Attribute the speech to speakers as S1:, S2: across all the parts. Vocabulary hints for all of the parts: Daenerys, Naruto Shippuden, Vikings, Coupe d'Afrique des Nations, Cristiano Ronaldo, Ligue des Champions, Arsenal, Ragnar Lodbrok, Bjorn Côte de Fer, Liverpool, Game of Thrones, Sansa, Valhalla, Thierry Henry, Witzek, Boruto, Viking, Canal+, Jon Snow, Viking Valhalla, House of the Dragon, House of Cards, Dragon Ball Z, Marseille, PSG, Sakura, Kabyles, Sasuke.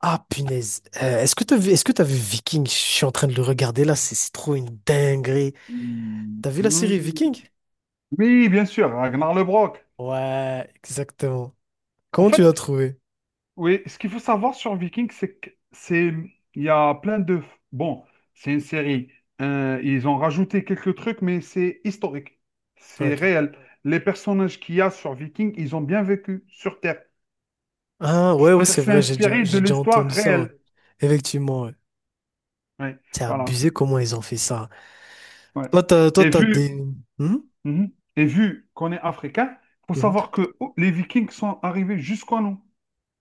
S1: Ah, punaise. Est-ce que t'as vu, est-ce que t'as vu Viking? Je suis en train de le regarder là, c'est trop une dinguerie.
S2: Hmm.
S1: T'as vu la série Viking?
S2: Oui, bien sûr, Ragnar Lodbrok.
S1: Ouais, exactement.
S2: En
S1: Comment tu l'as
S2: fait,
S1: trouvé?
S2: oui, ce qu'il faut savoir sur Vikings, c'est que c'est il y a plein de bon, c'est une série. Ils ont rajouté quelques trucs, mais c'est historique, c'est
S1: Ok.
S2: réel. Les personnages qu'il y a sur Vikings, ils ont bien vécu sur Terre.
S1: Ah, ouais, ouais,
S2: C'est-à-dire,
S1: c'est
S2: c'est
S1: vrai,
S2: inspiré de
S1: j'ai déjà
S2: l'histoire
S1: entendu ça, ouais.
S2: réelle.
S1: Effectivement, ouais.
S2: Oui,
S1: C'est
S2: voilà.
S1: abusé comment ils ont fait ça.
S2: Ouais.
S1: Toi,
S2: Et
S1: t'as
S2: vu,
S1: des... Hmm.
S2: mhm. Et vu qu'on est africain, faut
S1: Mhm.
S2: savoir que oh, les Vikings sont arrivés jusqu'en nous.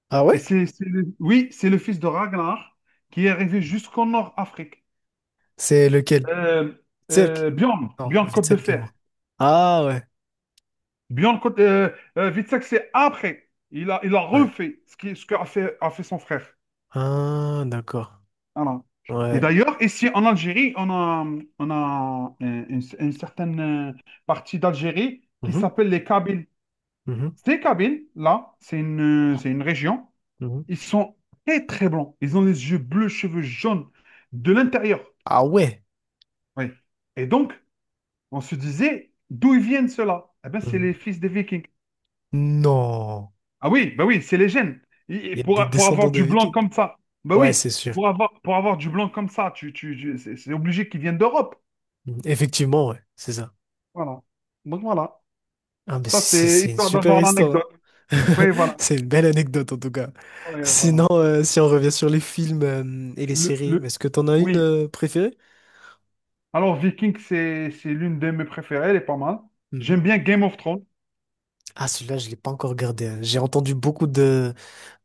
S1: Ah
S2: Et
S1: ouais?
S2: c'est le- oui, c'est le fils de Ragnar qui est arrivé jusqu'en Nord-Afrique.
S1: C'est lequel?
S2: Euh,
S1: Cirque?
S2: Bjorn,
S1: Non,
S2: Bjorn Côte de
S1: Vitselk et
S2: Fer.
S1: moi. Ah ouais,
S2: Bjorn Côte, Witzek, c'est après. Il a
S1: ouais.
S2: refait ce qui, ce qu'a fait, a fait son frère.
S1: Ah, d'accord.
S2: Voilà. Et
S1: Ouais.
S2: d'ailleurs, ici en Algérie, on a une certaine partie d'Algérie qui
S1: Mhm,
S2: s'appelle les Kabyles.
S1: mhm,
S2: Ces Kabyles, là, c'est une région.
S1: mhm.
S2: Ils sont très, très blancs. Ils ont les yeux bleus, cheveux jaunes de l'intérieur.
S1: Ah ouais.
S2: Oui. Et donc, on se disait, d'où ils viennent ceux-là? Eh bien, c'est les
S1: Mhm.
S2: fils des Vikings.
S1: Non,
S2: Ah oui, bah oui, c'est les gènes. Et-
S1: il y a des
S2: pour
S1: descendants
S2: avoir
S1: de
S2: du blanc
S1: Vikings.
S2: comme ça, bah
S1: Ouais,
S2: oui,
S1: c'est sûr.
S2: pour avoir du blanc comme ça, tu- c'est obligé qu'ils viennent d'Europe.
S1: Effectivement, ouais, c'est ça.
S2: Voilà. Donc voilà.
S1: Ah, mais
S2: Ça,
S1: c'est
S2: c'est
S1: c'est une
S2: histoire
S1: super
S2: d'avoir
S1: histoire, hein.
S2: l'anecdote. Oui, voilà.
S1: C'est une belle anecdote en tout cas.
S2: Oui, voilà.
S1: Sinon, si on revient sur les films et les séries,
S2: Le...
S1: est-ce que t'en as une
S2: Oui.
S1: préférée?
S2: Alors, Viking, c'est l'une de mes préférées, elle est pas mal. J'aime
S1: Mhm.
S2: bien Game of Thrones.
S1: Ah, celui-là, je l'ai pas encore regardé, hein. J'ai entendu beaucoup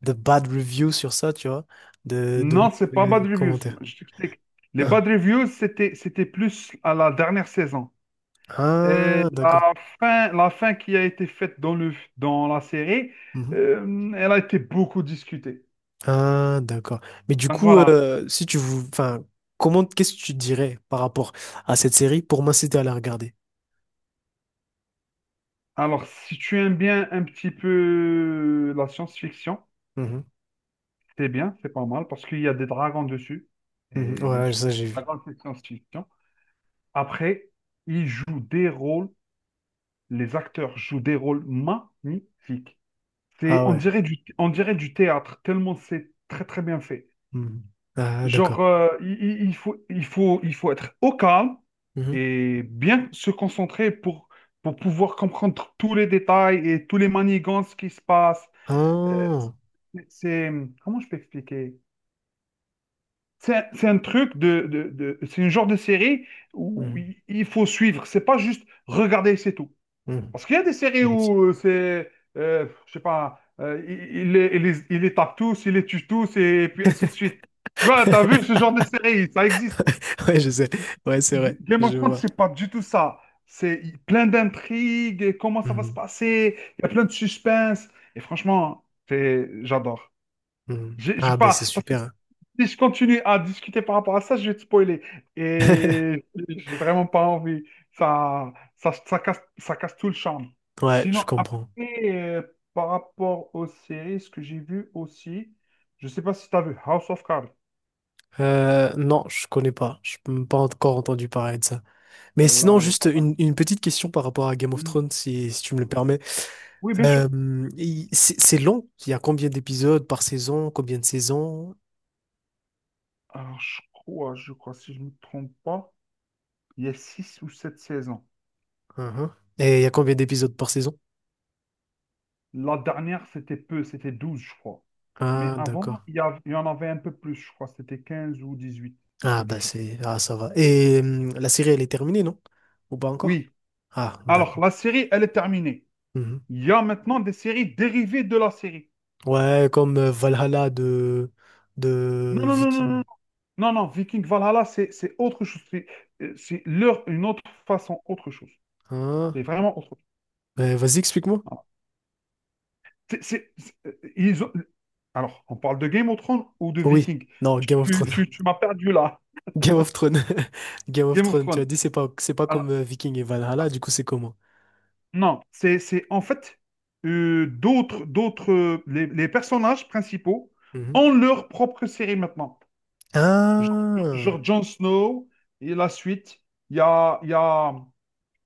S1: de bad reviews sur ça, tu vois, de, de,
S2: Non, c'est pas Bad
S1: mauvais
S2: Reviews.
S1: commentaires.
S2: Je t'explique. Les
S1: Ah,
S2: Bad Reviews, c'était plus à la dernière saison. Et
S1: Ah, d'accord.
S2: la fin qui a été faite dans dans la série, elle a été beaucoup discutée.
S1: Ah, d'accord. Mais du
S2: Donc
S1: coup,
S2: voilà.
S1: si tu vous, enfin, comment, qu'est-ce que tu dirais par rapport à cette série pour m'inciter à la regarder?
S2: Alors, si tu aimes bien un petit peu la science-fiction,
S1: Mhm,
S2: c'est bien, c'est pas mal, parce qu'il y a des dragons dessus.
S1: mhm.
S2: Et bien
S1: Ouais,
S2: sûr,
S1: ça j'ai vu.
S2: dragons, c'est science-fiction. Après, ils jouent des rôles, les acteurs jouent des rôles magnifiques. C'est,
S1: Ah
S2: on
S1: ouais.
S2: dirait on dirait du théâtre, tellement c'est très très bien fait.
S1: Mhm. Ah, d'accord.
S2: Genre, il- faut, il faut être au calme
S1: Mhm.
S2: et bien se concentrer pour pouvoir comprendre tous les détails et tous les manigances qui se passent. Euh,
S1: Ah.
S2: c'est, comment je peux expliquer? C'est un truc de, de c'est une genre de série où
S1: Mhm,
S2: il faut suivre. C'est pas juste regarder, c'est tout.
S1: mhm.
S2: Parce qu'il y a des séries
S1: Effectivement.
S2: où c'est, je sais pas, il les, il les il les tape tous, il les tue tous et puis ainsi de suite. Tu vois, t'as vu ce genre de série, ça existe.
S1: Ouais, je sais. Ouais, c'est vrai.
S2: Game of
S1: Je
S2: Thrones,
S1: vois.
S2: c'est pas du tout ça. C'est plein d'intrigues, et comment ça va se
S1: Mhm,
S2: passer, il y a plein de suspense. Et franchement, c'est- j'adore.
S1: mhm.
S2: J'ai
S1: Ah, bah
S2: pas,
S1: c'est
S2: parce que
S1: super, hein.
S2: si je continue à discuter par rapport à ça, je vais te spoiler. Et j'ai vraiment pas envie. Ça casse tout le charme.
S1: Ouais, je
S2: Sinon,
S1: comprends.
S2: après, par rapport aux séries, ce que j'ai vu aussi, je sais pas si tu as vu House of Cards.
S1: Non, je connais pas. Je n'ai pas encore entendu parler de ça. Mais sinon,
S2: Celle-là, elle est
S1: juste
S2: pas mal.
S1: une petite question par rapport à Game of
S2: Hmm.
S1: Thrones, si tu me le
S2: Hmm.
S1: permets.
S2: Oui, bien sûr.
S1: C'est long. Il y a combien d'épisodes par saison? Combien de saisons?
S2: Alors, je crois, si je ne me trompe pas, il y a 6 ou 7 saisons.
S1: Uhum. Et il y a combien d'épisodes par saison?
S2: La dernière, c'était peu, c'était 12 je crois. Mais
S1: Ah, d'accord.
S2: avant, il y av- il y en avait un peu plus, je crois, c'était 15 ou 18 un
S1: Ah,
S2: truc du
S1: bah
S2: genre.
S1: c'est... Ah, ça va. Et la série, elle est terminée, non? Ou pas encore?
S2: Oui.
S1: Ah, d'accord.
S2: Alors, la série, elle est terminée.
S1: Mhm.
S2: Il y a maintenant des séries dérivées de la série.
S1: Ouais, comme Valhalla de
S2: Non, non, non, non,
S1: Viking.
S2: non. Non, Viking Valhalla, c'est autre chose. C'est leur, une autre façon, autre chose.
S1: Hein?
S2: C'est vraiment autre chose.
S1: Vas-y, explique-moi.
S2: C'est- ils ont- Alors, on parle de Game of Thrones ou de
S1: Oui.
S2: Viking?
S1: Non, Game of Thrones.
S2: Tu m'as perdu là.
S1: Game of Thrones. Game of
S2: Game of
S1: Thrones. Tu as
S2: Thrones.
S1: dit, c'est pas
S2: Alors,
S1: comme Viking et Valhalla, du coup, c'est comment?
S2: non, c'est en fait d'autres, les personnages principaux
S1: Mhm.
S2: ont leur propre série maintenant. Genre,
S1: Ah,
S2: genre Jon Snow et la suite. Il y a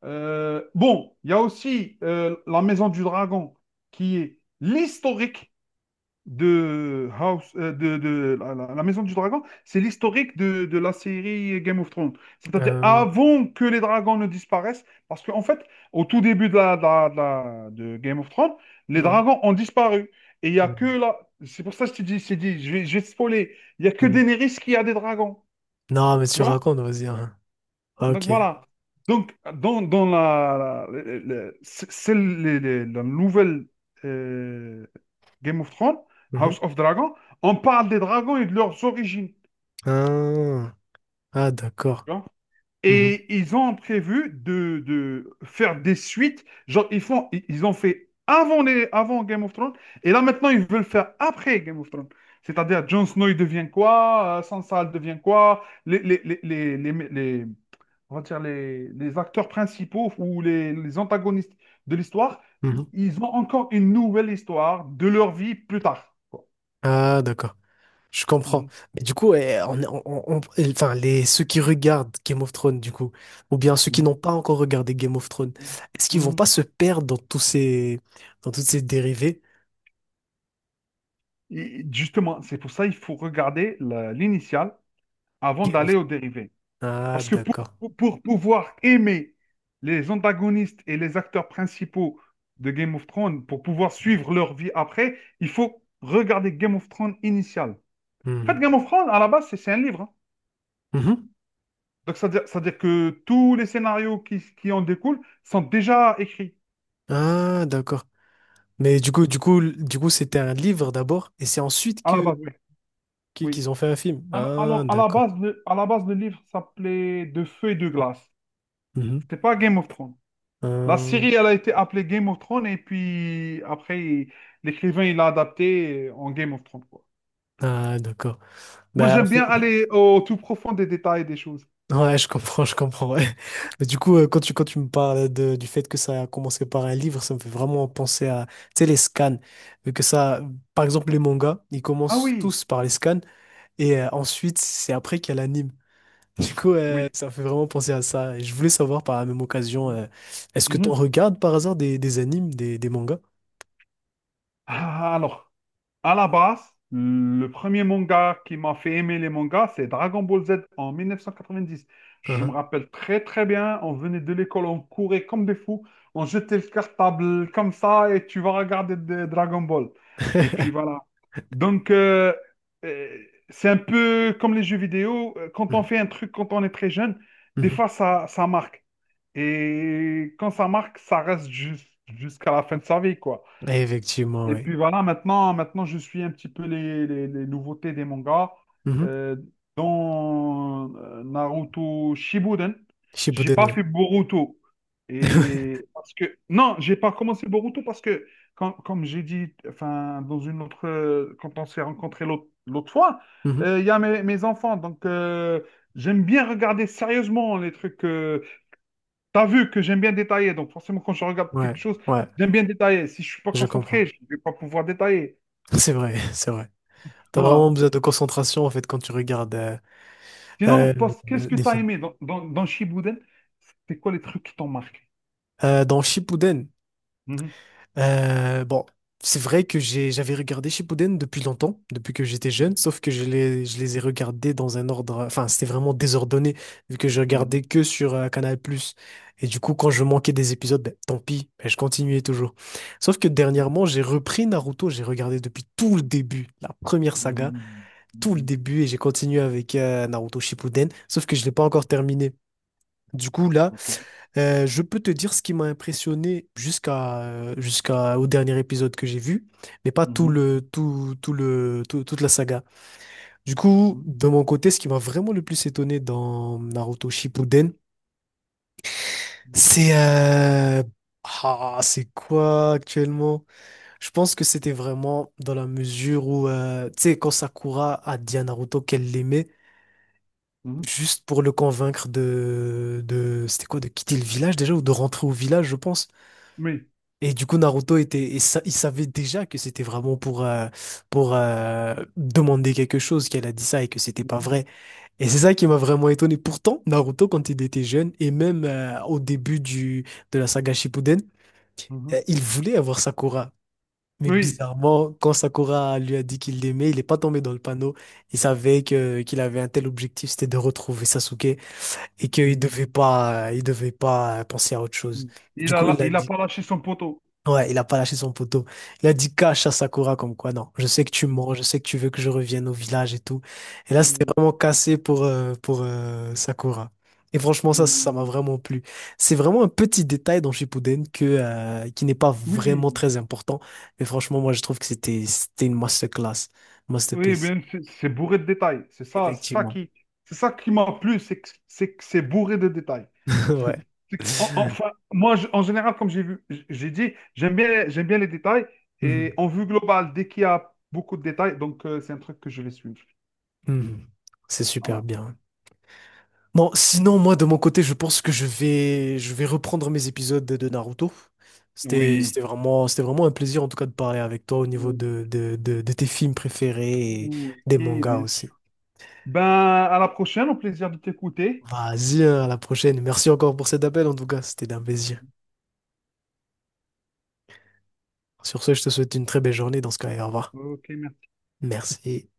S2: bon, il y a aussi la Maison du Dragon qui est l'historique de House, de la la Maison du Dragon, c'est l'historique de la série Game of Thrones. C'est-à-dire
S1: euh,
S2: avant que les dragons ne disparaissent, parce qu'en fait, au tout début de de Game of Thrones, les
S1: mhm.
S2: dragons ont disparu. Et il n'y a que
S1: Mhm.
S2: là, c'est pour ça que je te dis, je t'ai dit, je vais te spoiler, il n'y a que
S1: Mhm.
S2: Daenerys qui a des dragons.
S1: Non, mais
S2: Tu
S1: tu
S2: vois?
S1: racontes, vas-y, hein. Ah,
S2: Donc
S1: Ok.
S2: voilà. Donc dans c'est la nouvelle euh, Game of Thrones,
S1: Mhm.
S2: House of Dragon, on parle des dragons et de leurs origines.
S1: Ah, Ah, d'accord.
S2: Tu vois.
S1: Mhm.
S2: Et ils ont prévu de faire des suites. Genre, ils font, ils ont fait avant, les, avant Game of Thrones. Et là, maintenant, ils veulent faire après Game of Thrones. C'est-à-dire, Jon Snow, il devient quoi? Sansa, elle devient quoi? On va dire les acteurs principaux ou les antagonistes de l'histoire,
S1: Mhm.
S2: ils ont encore une nouvelle histoire de leur vie plus tard. Quoi.
S1: Ah, d'accord. Je comprends.
S2: Mhm,
S1: Mais du coup, enfin, les, ceux qui regardent Game of Thrones, du coup, ou bien ceux qui n'ont pas encore regardé Game of Thrones,
S2: mhm,
S1: est-ce qu'ils vont
S2: mhm.
S1: pas se perdre dans toutes ces dérivées?
S2: Et justement, c'est pour ça qu'il faut regarder la- l'initiale avant
S1: Game
S2: d'aller
S1: of-
S2: au dérivé.
S1: Ah,
S2: Parce que pour,
S1: d'accord.
S2: pour- pour pouvoir aimer les antagonistes et les acteurs principaux de Game of Thrones, pour pouvoir suivre leur vie après, il faut regarder Game of Thrones initial. En fait,
S1: Mhm.
S2: Game of Thrones, à la base, c'est un livre. Hein.
S1: Mhm.
S2: Donc, c'est-à-dire que tous les scénarios qui en découlent sont déjà écrits
S1: Ah, d'accord. Mais du coup, c'était un livre d'abord, et c'est ensuite
S2: à la base, oui.
S1: que
S2: Oui.
S1: qu'ils ont fait un film.
S2: Alors,
S1: Ah,
S2: alors, à la
S1: d'accord.
S2: base, à la base, le livre s'appelait De feu et de glace.
S1: Mhm.
S2: C'était pas Game of Thrones. La
S1: Euh,
S2: série, elle a été appelée Game of Thrones et puis après, il- l'écrivain, il l'a adapté en Game of Thrones, quoi.
S1: Ah, d'accord.
S2: Moi,
S1: Bah, en
S2: j'aime bien
S1: fait,
S2: aller au tout profond des détails des choses.
S1: ouais, je comprends, ouais. Mais du coup, quand tu me parles de, du fait que ça a commencé par un livre, ça me fait vraiment penser à, tu sais, les scans. Vu que ça, par exemple, les mangas, ils
S2: Ah
S1: commencent
S2: oui,
S1: tous par les scans et ensuite, c'est après qu'il y a l'anime. Du coup,
S2: oui.
S1: ça me fait vraiment penser à ça. Et je voulais savoir par la même occasion, est-ce que tu en
S2: Mhm.
S1: regardes par hasard des animes, des mangas?
S2: Alors, à la base, le premier manga qui m'a fait aimer les mangas, c'est Dragon Ball Z en 1990. Je me
S1: Uhum.
S2: rappelle très très bien, on venait de l'école, on courait comme des fous, on jetait le cartable comme ça et tu vas regarder de- Dragon Ball. Et puis voilà. Donc, euh, c'est un peu comme les jeux vidéo, quand on
S1: Mhm.
S2: fait un truc quand on est très jeune, des
S1: Mhm.
S2: fois ça marque. Et quand ça marque, ça reste jus- jusqu'à la fin de sa vie, quoi.
S1: Effectivement,
S2: Et
S1: oui.
S2: puis voilà, maintenant, je suis un petit peu les nouveautés des mangas.
S1: Mhm.
S2: Euh, dans Naruto Shippuden, j'ai
S1: Shippuden,
S2: pas
S1: ouais.
S2: fait Boruto. Et parce que non, j'ai pas commencé Boruto parce que quand- comme j'ai dit, enfin dans une autre, quand on s'est rencontrés l'autre fois,
S1: Mhm.
S2: il y a mes, mes enfants, donc j'aime bien regarder sérieusement les trucs. T'as vu que j'aime bien détailler, donc forcément quand je regarde quelque
S1: Ouais,
S2: chose,
S1: ouais,
S2: j'aime bien détailler. Si je suis pas
S1: je comprends.
S2: concentré, je vais pas pouvoir détailler.
S1: C'est vrai, c'est vrai. T'as
S2: Voilà.
S1: vraiment besoin de concentration en fait quand tu regardes
S2: Sinon,
S1: euh,
S2: Post, qu'est-ce que
S1: des
S2: t'as
S1: films.
S2: aimé dans, dans Shippuden? C'est quoi les trucs qui t'ont marqué?
S1: Dans Shippuden,
S2: Mhm.
S1: bon, c'est vrai que j'avais regardé Shippuden depuis longtemps, depuis que j'étais jeune, sauf que je les ai regardés dans un ordre, enfin c'était vraiment désordonné vu que je regardais
S2: Mhm.
S1: que sur Canal+. Et du coup, quand je manquais des épisodes, ben, tant pis, ben, je continuais toujours. Sauf que
S2: Mhm.
S1: dernièrement, j'ai repris Naruto, j'ai regardé depuis tout le début, la première saga.
S2: Mhm.
S1: Tout le
S2: Mhm.
S1: début et j'ai continué avec Naruto Shippuden, sauf que je l'ai pas encore terminé. Du coup, là,
S2: Ok.
S1: je peux te dire ce qui m'a impressionné jusqu'à jusqu'à au dernier épisode que j'ai vu, mais pas
S2: Mhm.
S1: toute la saga. Du coup,
S2: Mhm.
S1: de mon côté, ce qui m'a vraiment le plus étonné dans Naruto Shippuden, c'est ah, c'est quoi actuellement? Je pense que c'était vraiment dans la mesure où, tu sais, quand Sakura a dit à Naruto qu'elle l'aimait,
S2: Mhm.
S1: juste pour le convaincre de quitter le village déjà ou de rentrer au village, je pense.
S2: Oui.
S1: Et du coup, Naruto était, et sa- il savait déjà que c'était vraiment pour, demander quelque chose qu'elle a dit ça et que c'était pas
S2: Mhm.
S1: vrai. Et c'est ça qui m'a vraiment étonné. Pourtant, Naruto, quand il était jeune et même au début du, de la saga Shippuden,
S2: Mhm.
S1: il voulait avoir Sakura. Mais
S2: Oui.
S1: bizarrement, quand Sakura lui a dit qu'il l'aimait, il n'est pas tombé dans le panneau. Il savait que qu'il avait un tel objectif, c'était de retrouver Sasuke et qu'il
S2: Mhm.
S1: devait pas, il devait pas penser à autre chose.
S2: Mhm.
S1: Du coup, il a
S2: Il a
S1: dit,
S2: pas lâché son poteau.
S1: ouais, il a pas lâché son poteau. Il a dit cache à Sakura comme quoi, non, je sais que tu mens, je sais que tu veux que je revienne au village et tout. Et là, c'était
S2: Mhm.
S1: vraiment cassé pour, Sakura. Et franchement, ça m'a
S2: Oui.
S1: vraiment plu. C'est vraiment un petit détail dans Shippuden que, qui n'est pas vraiment
S2: Oui.
S1: très important. Mais franchement, moi, je trouve que c'était une masterclass,
S2: Oui,
S1: masterpiece.
S2: bien, c'est bourré de détails.
S1: Effectivement.
S2: C'est ça qui m'a plu, c'est que c'est bourré de détails.
S1: Ouais.
S2: C'est que- en- Enfin, moi, je- en général, comme j'ai vu, j- j'ai dit, j'aime bien les détails et
S1: Mhm.
S2: en vue globale, dès qu'il y a beaucoup de détails, donc c'est un truc que je vais suivre.
S1: Mhm. C'est super
S2: Voilà.
S1: bien. Bon, sinon, moi, de mon côté, je pense que je vais reprendre mes épisodes de Naruto.
S2: Oui.
S1: C'était vraiment un plaisir, en tout cas, de parler avec toi au niveau
S2: Ok.
S1: de tes films préférés et
S2: Oui,
S1: des mangas
S2: bien
S1: aussi.
S2: sûr. Ben, à la prochaine, au plaisir de t'écouter.
S1: Vas-y, hein, à la prochaine. Merci encore pour cet appel, en tout cas. C'était un plaisir. Sur ce, je te souhaite une très belle journée dans ce cas, et au revoir.
S2: Ok, merci.
S1: Merci.